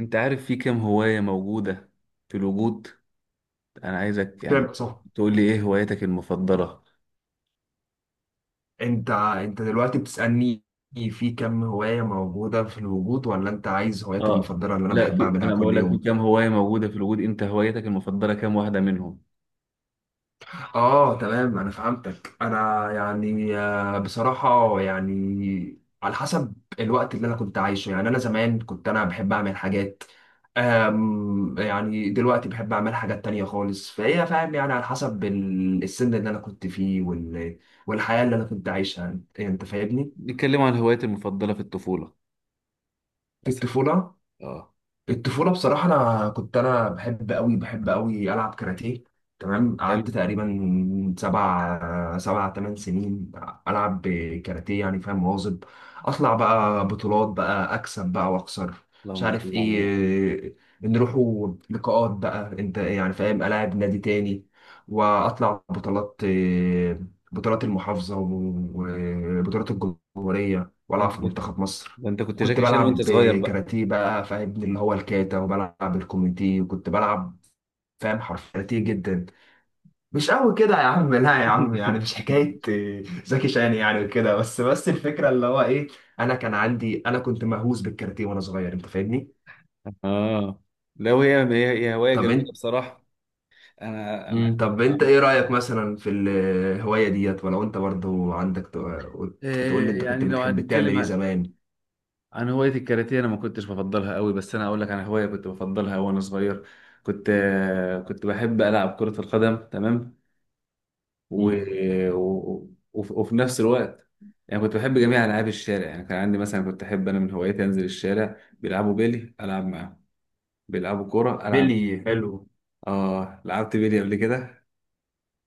انت عارف في كام هواية موجودة في الوجود؟ انا عايزك يعني كام صح. تقول لي ايه هوايتك المفضلة؟ انت دلوقتي بتسألني في كم هواية موجودة في الوجود، ولا انت عايز هواياتي اه، المفضلة اللي انا لا، بحب في اعملها انا كل بقول لك في يوم؟ كام هواية موجودة في الوجود، انت هوايتك المفضلة كام واحدة منهم؟ اه، تمام. انا فهمتك. انا يعني بصراحة يعني على حسب الوقت اللي انا كنت عايشه. يعني انا زمان كنت بحب اعمل حاجات. يعني دلوقتي بحب اعمل حاجات تانية خالص، فهي فاهم يعني على حسب السن اللي انا كنت فيه والحياة اللي انا كنت عايشها، انت فاهمني. نتكلم عن هوايتي المفضلة في الطفولة في مثلا. الطفولة. اه، الطفولة بصراحة، أنا كنت بحب أوي بحب أوي ألعب كاراتيه. تمام، قعدت حلو. تقريبا سبع تمن سنين ألعب كاراتيه، يعني فاهم، مواظب. أطلع بقى بطولات، بقى أكسب بقى وأخسر، مش اللهم عارف صل على إيه. نروحوا لقاءات بقى، أنت يعني فاهم، ألاعب نادي تاني وأطلع بطولات، بطولات المحافظة وبطولات الجمهورية، وألعب في النبي، منتخب مصر. ده انت كنت وكنت جاكي شان وانت بلعب صغير بقى! كاراتيه بقى، فاهم، اللي هو الكاتا وبلعب الكوميتي، وكنت بلعب، فاهم، حرف كاراتيه جدا. مش قوي كده يا عم، لا يا عم، يعني مش حكاية زكي شان يعني وكده. بس الفكرة اللي هو ايه، انا كان عندي انا كنت مهووس بالكاراتيه وانا صغير، انت فاهمني. اه، لا وهي هي هواية طب انت، جميلة بصراحة. انا انا طب انت أنا- ايه رأيك مثلا في الهواية ديت، ولو انت برضو عندك، تقول آه، لي انت كنت يعني لو بتحب تعمل هنتكلم ايه زمان. عن هواية الكاراتيه، أنا ما كنتش بفضلها قوي، بس أنا أقول لك عن هواية كنت بفضلها وأنا صغير. كنت كنت بحب ألعب كرة القدم، تمام. و... مم. وفي نفس الوقت يعني كنت بحب جميع ألعاب الشارع، يعني كان عندي مثلا، كنت أحب، أنا من هواياتي أنزل الشارع، بيلعبوا بيلي ألعب معاهم، بيلعبوا كورة ألعب. بيلي، حلو. آه، لعبت بيلي قبل كده.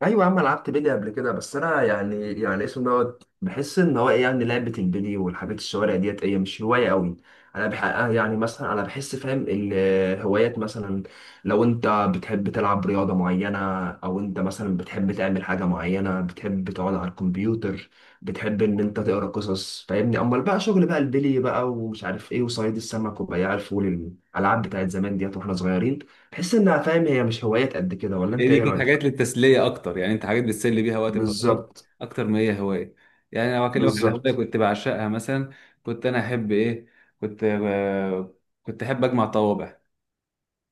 ايوه يا عم، أنا لعبت بيلي قبل كده، بس انا يعني اسمه دوت، بحس ان هو ايه يعني لعبه البيلي والحاجات الشوارع ديت ايه مش هوايه قوي. انا بح يعني مثلا انا بحس، فاهم، الهوايات مثلا، لو انت بتحب تلعب رياضه معينه، او انت مثلا بتحب تعمل حاجه معينه، بتحب تقعد على الكمبيوتر، بتحب ان انت تقرا قصص، فاهمني، امال بقى شغل بقى البيلي بقى ومش عارف ايه وصيد السمك وبياع الفول، الالعاب بتاعت زمان ديت واحنا صغيرين، بحس انها فاهم هي مش هوايات قد كده، ولا هي انت دي ايه كانت حاجات رايك؟ للتسليه اكتر، يعني انت حاجات بتسلي بيها وقت فراغك بالظبط. اكتر ما هي هوايه. يعني لو اكلمك على هوايه بالظبط. كنت بعشقها مثلا، كنت انا احب ايه؟ كنت ب- كنت احب اجمع طوابع.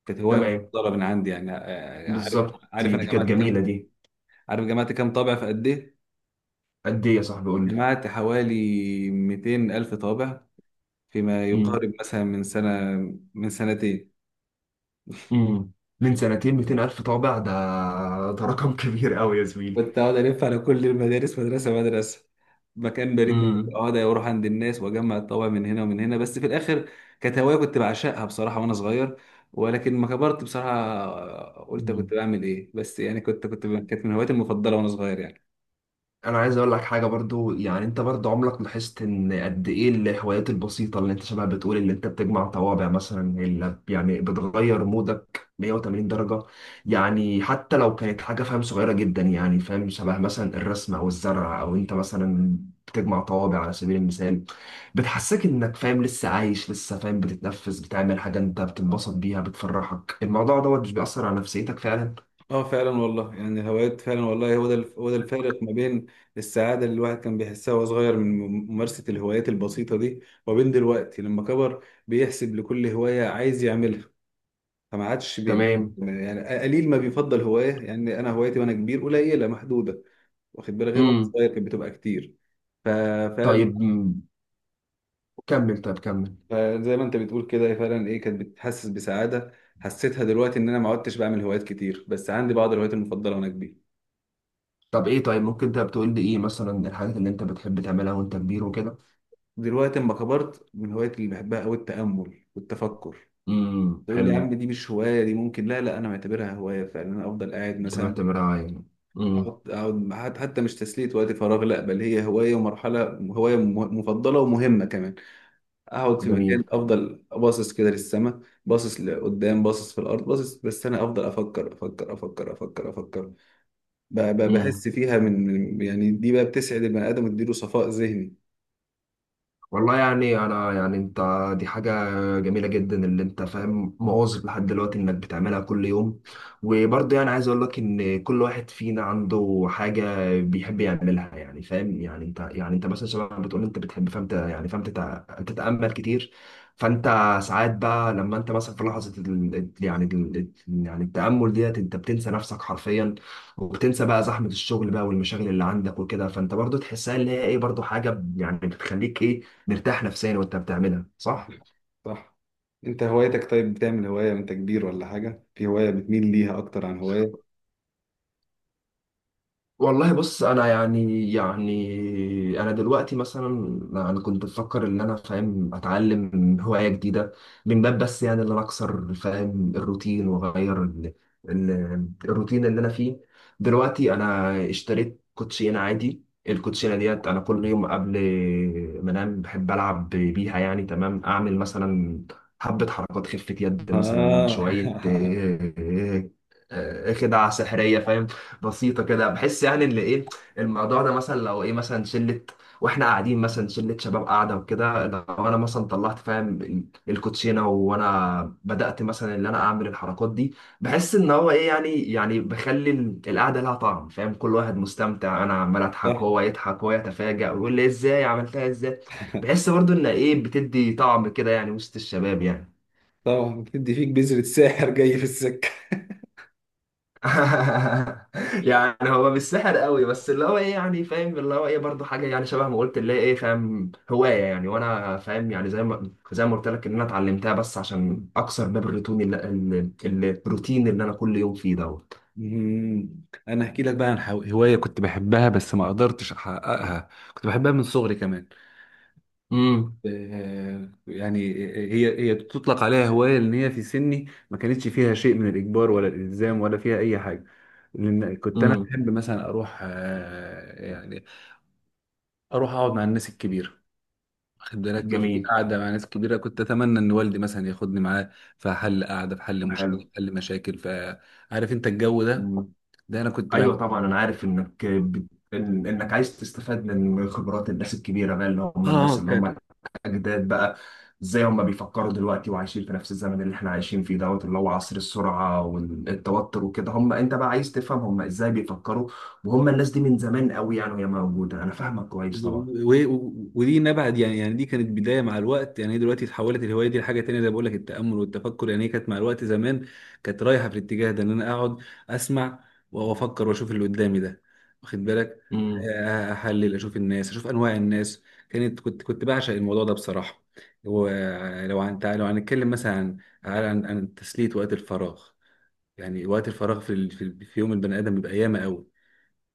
كانت هوايه تمام. مفضله من عندي، يعني عارف بالظبط، عارف دي انا دي كانت جمعت جميلة كام، دي. عارف جمعت كام طابع في قد ايه؟ قد ايه يا صاحبي، قول لي. جمعت حوالي 200 الف طابع فيما امم. يقارب مثلا من سنه، من سنتين. امم. من سنتين، 200 ألف طابع، ده ده رقم كبير قوي يا زميلي. كنت اقعد الف على كل المدارس، مدرسه مدرسه، مكان بريد مكان، اقعد اروح عند الناس واجمع الطوابع من هنا ومن هنا، بس في الاخر كانت هوايه كنت بعشقها بصراحه وانا صغير. ولكن ما كبرت بصراحه قلت امم. كنت بعمل ايه، بس يعني كنت كنت كانت من هواياتي المفضله وانا صغير يعني. انا عايز اقول لك حاجه برضو، يعني انت برضو عمرك لاحظت ان قد ايه الهوايات البسيطه، اللي انت شبه بتقول اللي انت بتجمع طوابع مثلا، اللي يعني بتغير مودك 180 درجه. يعني حتى لو كانت حاجه، فاهم، صغيره جدا، يعني فاهم، شبه مثلا الرسم او الزرع، او انت مثلا بتجمع طوابع على سبيل المثال، بتحسسك انك، فاهم، لسه عايش، لسه فاهم بتتنفس، بتعمل حاجه انت بتنبسط بيها، بتفرحك. الموضوع دوت مش بيأثر على نفسيتك فعلا. اه، فعلا والله، يعني الهوايات فعلا والله هو ده الفارق ما بين السعاده اللي الواحد كان بيحسها وهو صغير من ممارسه الهوايات البسيطه دي، وبين دلوقتي لما كبر بيحسب لكل هوايه عايز يعملها. فما عادش تمام. يعني قليل ما بيفضل هوايه، يعني انا هوايتي وانا كبير قليله محدوده، واخد بالك، غير وانا امم. صغير كانت بتبقى كتير. ففعلا طيب، مم. كمل، طيب كمل. زي ما انت بتقول كده، فعلا ايه كانت بتحسس بسعاده. حسيتها دلوقتي ان انا ما عدتش بعمل هوايات كتير، بس عندي بعض الهوايات المفضله وانا كبير. طب ايه، طيب ممكن انت بتقول لي ايه مثلا الحاجات اللي انت بتحب تعملها وانت كبير وكده؟ دلوقتي اما كبرت، من الهوايات اللي بحبها قوي التامل والتفكر. امم، تقول لي يا حلو. عم دي مش هوايه، دي ممكن، لا، لا، انا معتبرها هوايه فعلا. انا افضل قاعد انت مثلا، معتبرها يعني، امم. أقعد حتى مش تسلية وقت فراغ، لا بل هي هواية ومرحلة، هواية مفضلة ومهمة كمان. أقعد في جميل. مكان، أفضل باصص كده للسماء، باصص لقدام، باصص في الأرض، باصص، بس أنا أفضل أفكر أفكر أفكر أفكر أفكر. إمم. بحس فيها، يعني دي بقى بتسعد البني آدم وتديله صفاء ذهني. والله يعني انا، يعني انت، دي حاجة جميلة جدا اللي انت، فاهم، مواظب لحد دلوقتي انك بتعملها كل يوم. وبرضه يعني عايز اقول لك ان كل واحد فينا عنده حاجة بيحب يعملها، يعني فاهم، يعني انت، يعني انت مثلا شباب، بتقول انت بتحب، فاهم، يعني فاهم تتأمل كتير. فانت ساعات بقى لما انت مثلا في لحظة يعني يعني التأمل ديت، انت بتنسى نفسك حرفيا، وبتنسى بقى زحمة الشغل بقى والمشاغل اللي عندك وكده. فانت برضو تحسها اللي هي ايه، برضو حاجة يعني بتخليك ايه، مرتاح نفسيا وانت بتعملها، صح؟ صح. أنت هوايتك، طيب بتعمل هواية وأنت كبير ولا حاجة، في هواية بتميل ليها أكتر عن هواية؟ والله بص، انا يعني انا دلوقتي مثلا، انا كنت بفكر ان انا، فاهم، اتعلم هوايه جديده، من باب بس يعني ان انا اكسر، فاهم، الروتين واغير الروتين اللي انا فيه. دلوقتي انا اشتريت كوتشينه عادي. الكوتشينه ديت انا كل يوم قبل ما انام بحب العب بيها يعني. تمام، اعمل مثلا حبه حركات خفه يد، مثلا آه شويه آه، خدعة سحرية بسيطه كده، بحس يعني ان ايه، الموضوع ده مثلا لو ايه، مثلا شله واحنا قاعدين، مثلا شله شباب قاعده وكده، لو انا مثلا طلعت، فاهم، الكوتشينه وانا بدات مثلا ان انا اعمل الحركات دي، بحس ان هو ايه، يعني بخلي القعده لها طعم، فاهم، كل واحد مستمتع، انا عمال اضحك، صح، هو يضحك، هو يتفاجئ ويقول لي ازاي عملتها ازاي. بحس برضو ان ايه، بتدي طعم كده يعني وسط الشباب يعني. طبعا بتدي فيك بذرة ساحر جاي في السكة. يعني هو مش سحر قوي، بس اللي هو ايه يعني، فاهم، اللي هو ايه برضه حاجه يعني شبه ما قلت، اللي هي ايه، فاهم، هوايه يعني، وانا فاهم يعني زي ما قلت لك ان انا اتعلمتها بس عشان اكسر باب الروتين، الروتين اللي انا كل يوم فيه دوت. مم. انا هحكي لك بقى عن هوايه كنت بحبها بس ما قدرتش احققها، كنت بحبها من صغري كمان. امم. يعني هي تطلق عليها هوايه، لان هي في سني ما كانتش فيها شيء من الاجبار ولا الالزام ولا فيها اي حاجه. لان كنت انا امم. بحب مثلا اروح، يعني اروح اقعد مع الناس الكبيره، واخد بالك، في جميل. قعده مع ناس كبيره كنت اتمنى ان والدي مثلا ياخدني معاه، في حل قعده، في حل مشكله، في حلو. حل مشاكل، فعارف انت الجو ده. مم. ده انا كنت ايوه بحب. طبعا، انا عارف انك انك عايز تستفاد من خبرات الناس الكبيره بقى، اللي هم الناس اه. اللي هم اجداد بقى. ازاي هم بيفكروا دلوقتي وعايشين في نفس الزمن اللي احنا عايشين فيه دوت، اللي هو عصر السرعه والتوتر وكده. هم انت بقى عايز تفهم هم ازاي بيفكروا، وهم الناس دي من زمان قوي يعني وهي موجوده، انا فاهمك كويس طبعا. ودي نبعد يعني، يعني دي كانت بدايه. مع الوقت يعني هي دلوقتي اتحولت الهوايه دي لحاجه تانية، زي ما بقول لك، التامل والتفكر. يعني هي كانت مع الوقت زمان كانت رايحه في الاتجاه ده، ان انا اقعد اسمع وافكر واشوف اللي قدامي ده، واخد بالك، امم. احلل، اشوف الناس، اشوف انواع الناس. كانت كنت كنت بعشق الموضوع ده بصراحه. ولو لو هنتكلم مثلا عن تسليه وقت الفراغ، يعني وقت الفراغ في ال- في في يوم البني ادم بيبقى ياما قوي،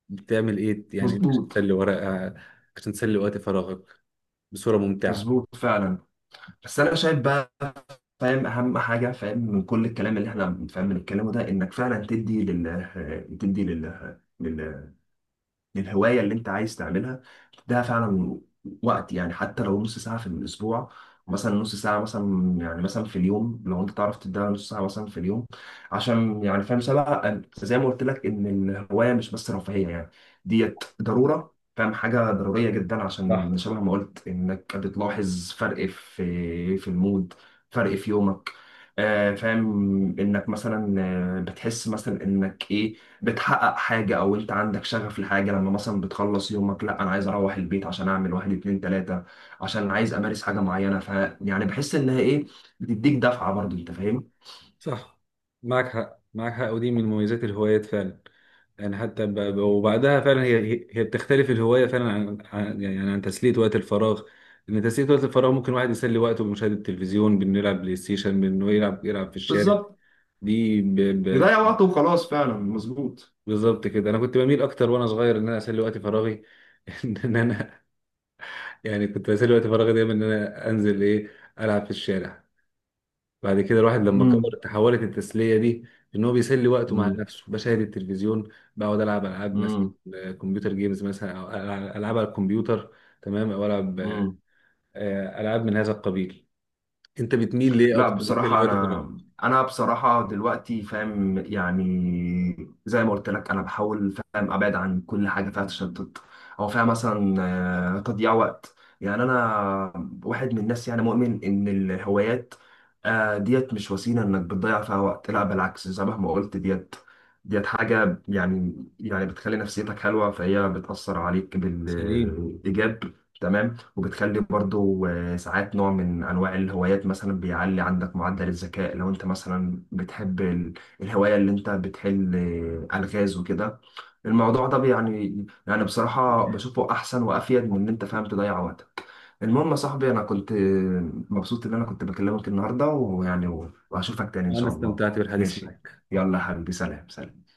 بتعمل ايه يعني انت عشان مظبوط. تسلي ورقة، عشان تسلي وقت فراغك بصورة ممتعة؟ مظبوط فعلا. بس انا شايف بقى، فاهم، اهم حاجه فاهم من كل الكلام اللي احنا فاهم بنتكلمه ده، انك فعلا تدي لل للهواية اللي انت عايز تعملها ده فعلا وقت، يعني حتى لو نص ساعة في الأسبوع، مثلا نص ساعة مثلا، يعني مثلا في اليوم، لو انت تعرف تديها نص ساعة مثلا في اليوم، عشان يعني، فاهم، سبق زي ما قلت لك، إن الهواية مش بس رفاهية يعني، ديت ضرورة، فاهم، حاجة ضرورية جدا. صح، عشان شبه ما قلت، إنك بتلاحظ فرق في المود، فرق في يومك. فاهم، إنك مثلا بتحس مثلا إنك إيه، بتحقق حاجة، أو أنت عندك شغف لحاجة. لما مثلا بتخلص يومك، لا أنا عايز أروح البيت عشان أعمل واحد اتنين تلاتة، عشان عايز أمارس حاجة معينة، ف يعني بحس إنها إيه، بتديك دفعة برضو، أنت فاهم؟ صح، معك حق معك حق، ودي من مميزات الهوايات فعلا. يعني حتى وبعدها فعلا هي بتختلف الهواية فعلا يعني عن تسلية وقت الفراغ. ان تسلية وقت الفراغ ممكن واحد يسلي وقته بمشاهدة التلفزيون، بانه يلعب بلاي ستيشن، بانه يلعب في الشارع. بالظبط. دي ب... ب... يضيع وقته وخلاص، فعلا مظبوط. بالظبط كده، انا كنت بميل اكتر وانا صغير ان انا اسلي وقت فراغي. ان انا يعني كنت بسلي وقت فراغي دايما ان انا انزل ايه، العب في الشارع. بعد كده الواحد لما كبر امم. تحولت التسليه دي، ان هو بيسلي وقته مع نفسه، بشاهد التلفزيون، بقعد العب العاب مثلا، امم. كمبيوتر جيمز مثلا، او العاب على الكمبيوتر. تمام، او العب امم. العاب من هذا القبيل. انت بتميل ليه لا اكتر بصراحة بتسلي وقت أنا، فراغك؟ أنا بصراحة دلوقتي، فاهم، يعني زي ما قلت لك، أنا بحاول، فاهم، أبعد عن كل حاجة فيها تشتت، أو فيها مثلا تضييع وقت. يعني أنا واحد من الناس يعني مؤمن إن الهوايات ديت مش وسيلة إنك بتضيع فيها وقت، لا بالعكس زي ما قلت، ديت ديت حاجة يعني، يعني بتخلي نفسيتك حلوة فهي بتأثر عليك سليم. بالإيجاب. تمام. وبتخلي برضو ساعات نوع من أنواع الهوايات مثلا بيعلي عندك معدل الذكاء، لو أنت مثلا بتحب الهواية اللي أنت بتحل ألغاز وكده. الموضوع ده يعني بصراحة بشوفه أحسن وأفيد من إن أنت، فاهم، تضيع وقتك. المهم يا صاحبي، أنا كنت مبسوط إن أنا كنت بكلمك النهاردة، وهشوفك تاني إن وانا شاء الله. استمتعت بالحديث ماشي، معك. يلا يا حبيبي، سلام سلام.